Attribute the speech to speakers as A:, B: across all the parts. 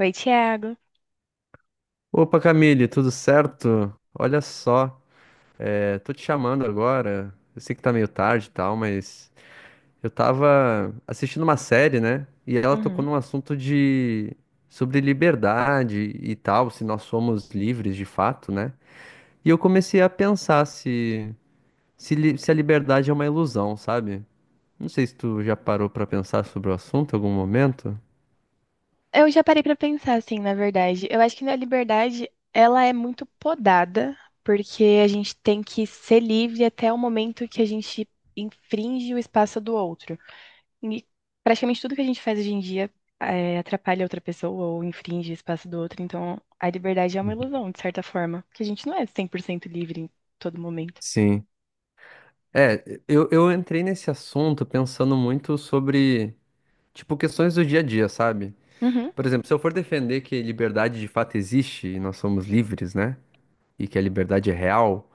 A: Oi, Thiago.
B: Opa, Camille, tudo certo? Olha só, tô te chamando agora. Eu sei que tá meio tarde e tal, mas eu tava assistindo uma série, né? E ela tocou
A: Uhum.
B: num assunto de sobre liberdade e tal, se nós somos livres de fato, né? E eu comecei a pensar se a liberdade é uma ilusão, sabe? Não sei se tu já parou pra pensar sobre o assunto em algum momento.
A: Eu já parei pra pensar assim, na verdade. Eu acho que a liberdade, ela é muito podada, porque a gente tem que ser livre até o momento que a gente infringe o espaço do outro. E praticamente tudo que a gente faz hoje em dia atrapalha outra pessoa ou infringe o espaço do outro. Então, a liberdade é uma
B: Uhum.
A: ilusão, de certa forma, porque a gente não é 100% livre em todo momento.
B: Sim. Eu entrei nesse assunto pensando muito sobre tipo, questões do dia a dia, sabe?
A: Uhum.
B: Por exemplo, se eu for defender que liberdade de fato existe e nós somos livres, né? E que a liberdade é real,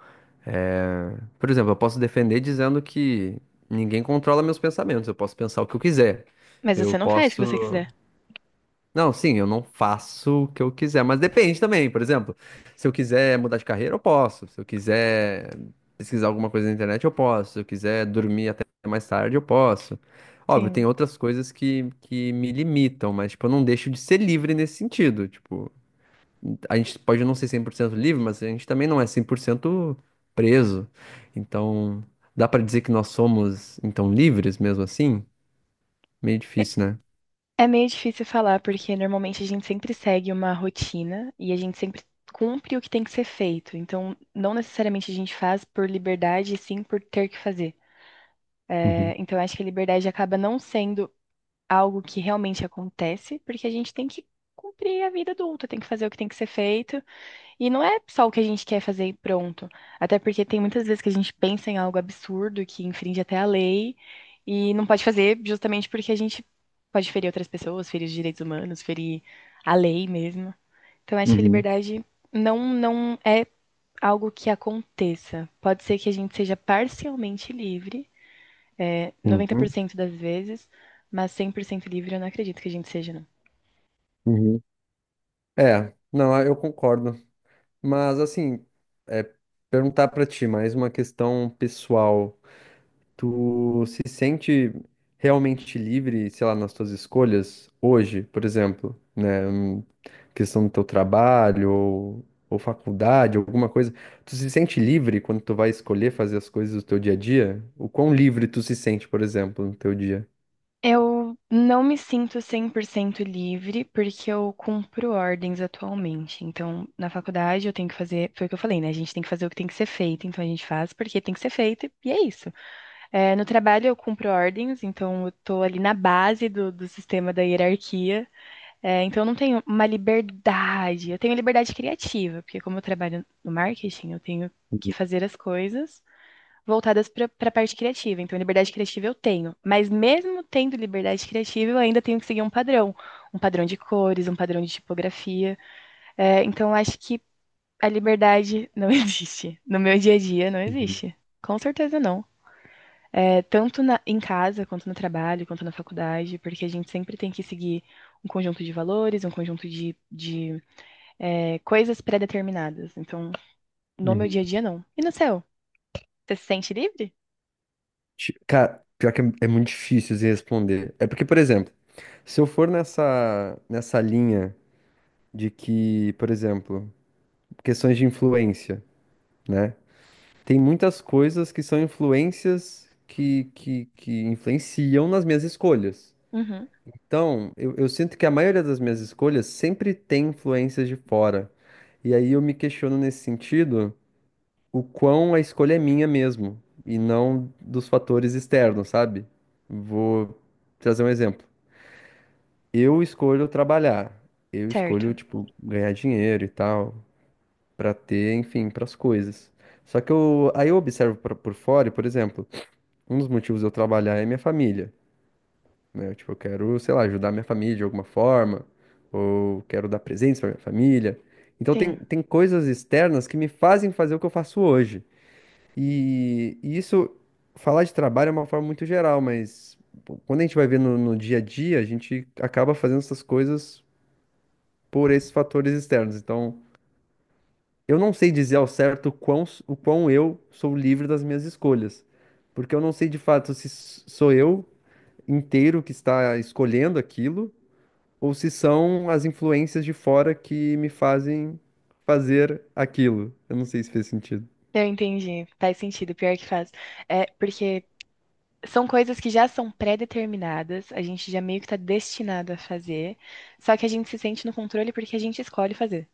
B: é... por exemplo, eu posso defender dizendo que ninguém controla meus pensamentos, eu posso pensar o que eu quiser.
A: Mas
B: Eu
A: você não faz o que você
B: posso.
A: quiser.
B: Não, sim, eu não faço o que eu quiser, mas depende também, por exemplo, se eu quiser mudar de carreira, eu posso. Se eu quiser pesquisar alguma coisa na internet, eu posso. Se eu quiser dormir até mais tarde, eu posso. Óbvio, tem
A: Sim.
B: outras coisas que me limitam, mas, tipo, eu não deixo de ser livre nesse sentido. Tipo, a gente pode não ser 100% livre, mas a gente também não é 100% preso. Então, dá pra dizer que nós somos, então, livres mesmo assim? Meio difícil, né?
A: É meio difícil falar, porque normalmente a gente sempre segue uma rotina e a gente sempre cumpre o que tem que ser feito. Então, não necessariamente a gente faz por liberdade, e sim por ter que fazer. É,
B: Uhum,
A: então, acho que a liberdade acaba não sendo algo que realmente acontece, porque a gente tem que cumprir a vida adulta, tem que fazer o que tem que ser feito e não é só o que a gente quer fazer e pronto. Até porque tem muitas vezes que a gente pensa em algo absurdo que infringe até a lei e não pode fazer justamente porque a gente pode ferir outras pessoas, ferir os direitos humanos, ferir a lei mesmo. Então acho que a
B: uhum,
A: liberdade não é algo que aconteça. Pode ser que a gente seja parcialmente livre,
B: uhum,
A: 90% das vezes, mas 100% livre eu não acredito que a gente seja, não.
B: uhum. Não, ah, eu concordo. Mas assim, é, perguntar pra ti mais uma questão pessoal. Tu se sente realmente livre, sei lá, nas tuas escolhas hoje, por exemplo, né? Questão do teu trabalho ou faculdade, alguma coisa. Tu se sente livre quando tu vai escolher fazer as coisas do teu dia a dia? O quão livre tu se sente, por exemplo, no teu dia?
A: Eu não me sinto 100% livre porque eu cumpro ordens atualmente. Então, na faculdade eu tenho que fazer, foi o que eu falei, né? A gente tem que fazer o que tem que ser feito, então a gente faz porque tem que ser feito e é isso. É, no trabalho eu cumpro ordens, então eu tô ali na base do, do sistema da hierarquia. É, então eu não tenho uma liberdade, eu tenho liberdade criativa, porque como eu trabalho no marketing, eu tenho que
B: Uhum,
A: fazer as coisas voltadas para a parte criativa. Então, liberdade criativa eu tenho, mas mesmo tendo liberdade criativa, eu ainda tenho que seguir um padrão de cores, um padrão de tipografia. É, então, eu acho que a liberdade não existe. No meu dia a dia, não
B: uhum,
A: existe. Com certeza não. É, tanto na- em casa, quanto no trabalho, quanto na faculdade, porque a gente sempre tem que seguir um conjunto de valores, um conjunto de coisas pré-determinadas. Então, no meu
B: uhum.
A: dia a dia, não. E no seu? Você se sente livre?
B: Cara, pior que é muito difícil de responder. É porque, por exemplo, se eu for nessa linha de que, por exemplo, questões de influência, né? Tem muitas coisas que são influências que influenciam nas minhas escolhas.
A: Uhum.
B: Então, eu sinto que a maioria das minhas escolhas sempre tem influências de fora. E aí eu me questiono nesse sentido, o quão a escolha é minha mesmo e não dos fatores externos, sabe? Vou trazer um exemplo. Eu escolho trabalhar, eu escolho,
A: Certo.
B: tipo, ganhar dinheiro e tal, pra ter, enfim, pras coisas. Só que eu, aí eu observo por fora, e, por exemplo, um dos motivos de eu trabalhar é minha família, né? Tipo, eu quero, sei lá, ajudar minha família de alguma forma, ou quero dar presentes pra minha família. Então tem,
A: Sim.
B: tem coisas externas que me fazem fazer o que eu faço hoje. E isso, falar de trabalho é uma forma muito geral, mas pô, quando a gente vai ver no dia a dia, a gente acaba fazendo essas coisas por esses fatores externos. Então, eu não sei dizer ao certo o quão eu sou livre das minhas escolhas, porque eu não sei de fato se sou eu inteiro que está escolhendo aquilo, ou se são as influências de fora que me fazem fazer aquilo. Eu não sei se fez sentido.
A: Eu entendi, faz sentido, pior que faz. É, porque são coisas que já são pré-determinadas, a gente já meio que tá destinado a fazer, só que a gente se sente no controle porque a gente escolhe fazer.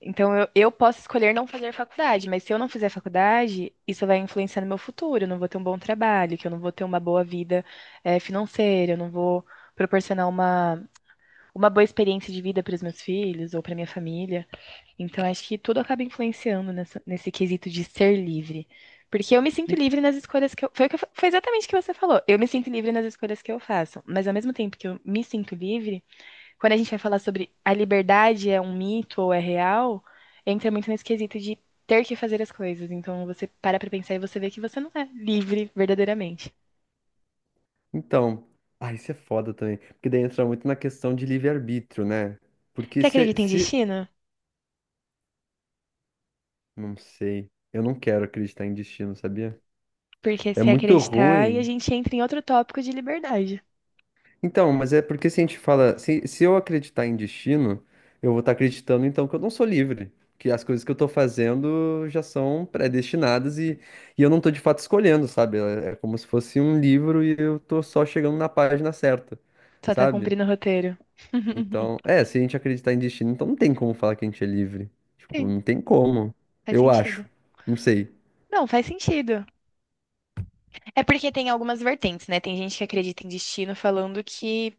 A: Então eu posso escolher não fazer faculdade, mas se eu não fizer faculdade, isso vai influenciar no meu futuro, eu não vou ter um bom trabalho, que eu não vou ter uma boa vida, financeira, eu não vou proporcionar uma boa experiência de vida para os meus filhos ou para minha família. Então, acho que tudo acaba influenciando nessa- nesse quesito de ser livre. Porque eu me sinto livre nas escolhas que eu. Foi exatamente o que você falou. Eu me sinto livre nas escolhas que eu faço. Mas ao mesmo tempo que eu me sinto livre, quando a gente vai falar sobre a liberdade é um mito ou é real, entra muito nesse quesito de ter que fazer as coisas. Então você para pra pensar e você vê que você não é livre verdadeiramente.
B: Então, ah, isso é foda também. Porque daí entra muito na questão de livre-arbítrio, né? Porque
A: Você
B: se,
A: acredita em
B: se.
A: destino?
B: Não sei. Eu não quero acreditar em destino, sabia?
A: Porque
B: É
A: se
B: muito
A: acreditar, e a
B: ruim.
A: gente entra em outro tópico de liberdade.
B: Então, mas é porque se a gente fala. Se eu acreditar em destino, eu vou estar acreditando então que eu não sou livre. Que as coisas que eu tô fazendo já são predestinadas e eu não tô de fato escolhendo, sabe? É é como se fosse um livro e eu tô só chegando na página certa,
A: Só tá
B: sabe?
A: cumprindo o roteiro.
B: Então, é, se a gente acreditar em destino, então não tem como falar que a gente é livre. Tipo,
A: Sim,
B: não tem como.
A: faz
B: Eu acho.
A: sentido.
B: Não sei.
A: Não, faz sentido. É porque tem algumas vertentes, né? Tem gente que acredita em destino falando que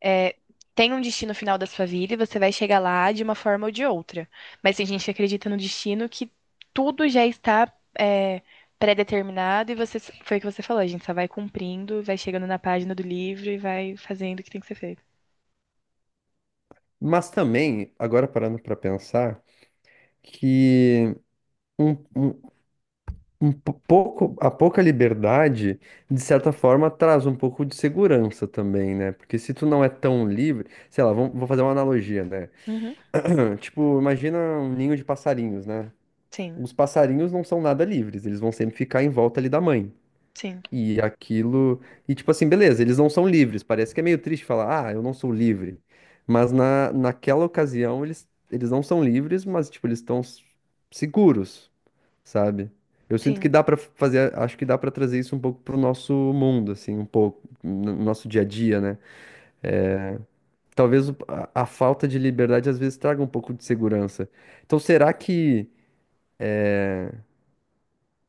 A: é, tem um destino final da sua vida e você vai chegar lá de uma forma ou de outra. Mas tem gente que acredita no destino que tudo já está é, pré-determinado e você, foi o que você falou, a gente só vai cumprindo, vai chegando na página do livro e vai fazendo o que tem que ser feito.
B: Mas também, agora parando pra pensar, que um, um, a pouca liberdade, de certa forma, traz um pouco de segurança também, né? Porque se tu não é tão livre, sei lá, vamos, vou fazer uma analogia, né?
A: Uhum.
B: Tipo, imagina um ninho de passarinhos, né?
A: Sim,
B: Os passarinhos não são nada livres, eles vão sempre ficar em volta ali da mãe.
A: sim,
B: E aquilo. E tipo assim, beleza, eles não são livres. Parece que é meio triste falar, ah, eu não sou livre. Mas naquela ocasião, eles não são livres, mas tipo, eles estão seguros, sabe? Eu sinto que
A: sim.
B: dá pra fazer, acho que dá pra trazer isso um pouco pro nosso mundo, assim, um pouco, no nosso dia a dia, né? Talvez a falta de liberdade às vezes traga um pouco de segurança. Então, será que,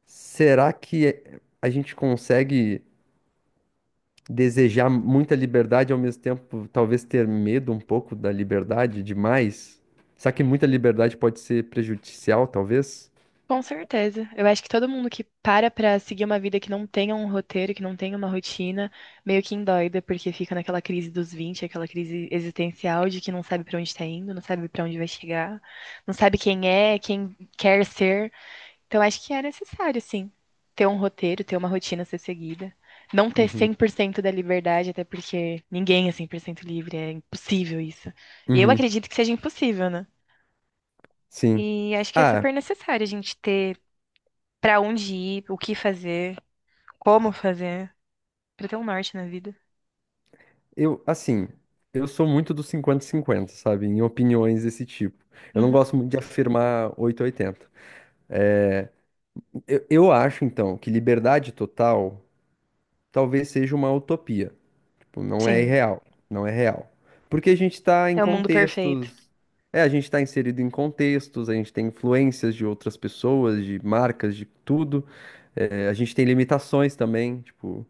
B: será que a gente consegue desejar muita liberdade ao mesmo tempo, talvez ter medo um pouco da liberdade demais. Será que muita liberdade pode ser prejudicial, talvez?
A: Com certeza. Eu acho que todo mundo que para pra seguir uma vida que não tenha um roteiro, que não tenha uma rotina, meio que endoida, porque fica naquela crise dos vinte, aquela crise existencial de que não sabe pra onde tá indo, não sabe pra onde vai chegar, não sabe quem é, quem quer ser. Então acho que é necessário, sim, ter um roteiro, ter uma rotina a ser seguida. Não ter
B: Uhum.
A: 100% da liberdade, até porque ninguém é 100% livre, é impossível isso. E eu
B: Uhum.
A: acredito que seja impossível, né?
B: Sim.
A: E acho que é
B: Ah,
A: super necessário a gente ter pra onde ir, o que fazer, como fazer, pra ter um norte na vida.
B: assim, eu sou muito do 50 cinquenta, sabe? Em opiniões desse tipo. Eu não
A: Uhum.
B: gosto muito de afirmar 880. Eu acho, então, que liberdade total talvez seja uma utopia. Tipo, não é
A: Sim,
B: irreal, não é real. Porque a gente está em
A: é o mundo perfeito.
B: contextos, é, a gente está inserido em contextos, a gente tem influências de outras pessoas, de marcas, de tudo. É, a gente tem limitações também, tipo,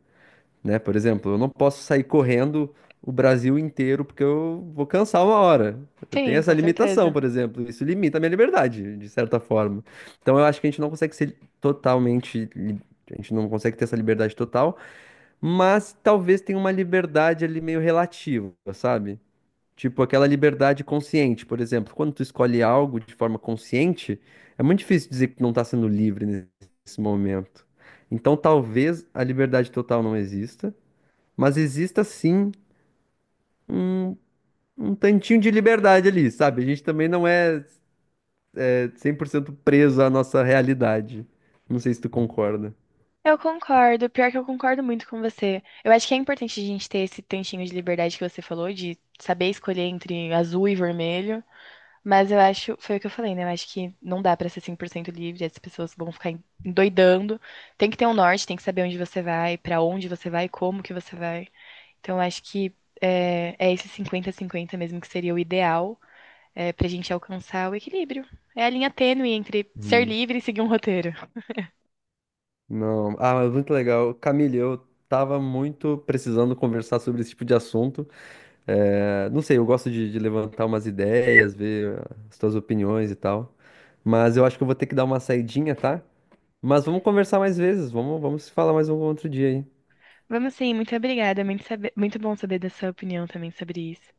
B: né? Por exemplo, eu não posso sair correndo o Brasil inteiro porque eu vou cansar uma hora. Eu tenho
A: Sim,
B: essa
A: com
B: limitação,
A: certeza.
B: por exemplo. Isso limita a minha liberdade, de certa forma. Então eu acho que a gente não consegue ser totalmente, a gente não consegue ter essa liberdade total, mas talvez tenha uma liberdade ali meio relativa, sabe? Tipo aquela liberdade consciente, por exemplo, quando tu escolhe algo de forma consciente, é muito difícil dizer que tu não tá sendo livre nesse momento. Então, talvez a liberdade total não exista, mas exista sim um, um tantinho de liberdade ali, sabe? A gente também não é, é 100% preso à nossa realidade. Não sei se tu concorda.
A: Eu concordo, pior que eu concordo muito com você. Eu acho que é importante a gente ter esse tantinho de liberdade que você falou, de saber escolher entre azul e vermelho. Mas eu acho, foi o que eu falei, né? Eu acho que não dá pra ser 100% livre, as pessoas vão ficar endoidando. Tem que ter um norte, tem que saber onde você vai, pra onde você vai, como que você vai. Então, acho que é esse 50 cinquenta mesmo que seria o ideal para a gente alcançar o equilíbrio. É a linha tênue entre ser livre e seguir um roteiro.
B: Não, ah, mas muito legal. Camille, eu tava muito precisando conversar sobre esse tipo de assunto. É, não sei, eu gosto de levantar umas ideias, ver as tuas opiniões e tal. Mas eu acho que eu vou ter que dar uma saidinha, tá? Mas vamos conversar mais vezes, vamos se falar mais um outro dia aí.
A: Vamos sim, muito obrigada. Muito bom saber da sua opinião também sobre isso.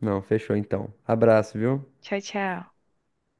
B: Não, fechou então. Abraço, viu?
A: Tchau, tchau.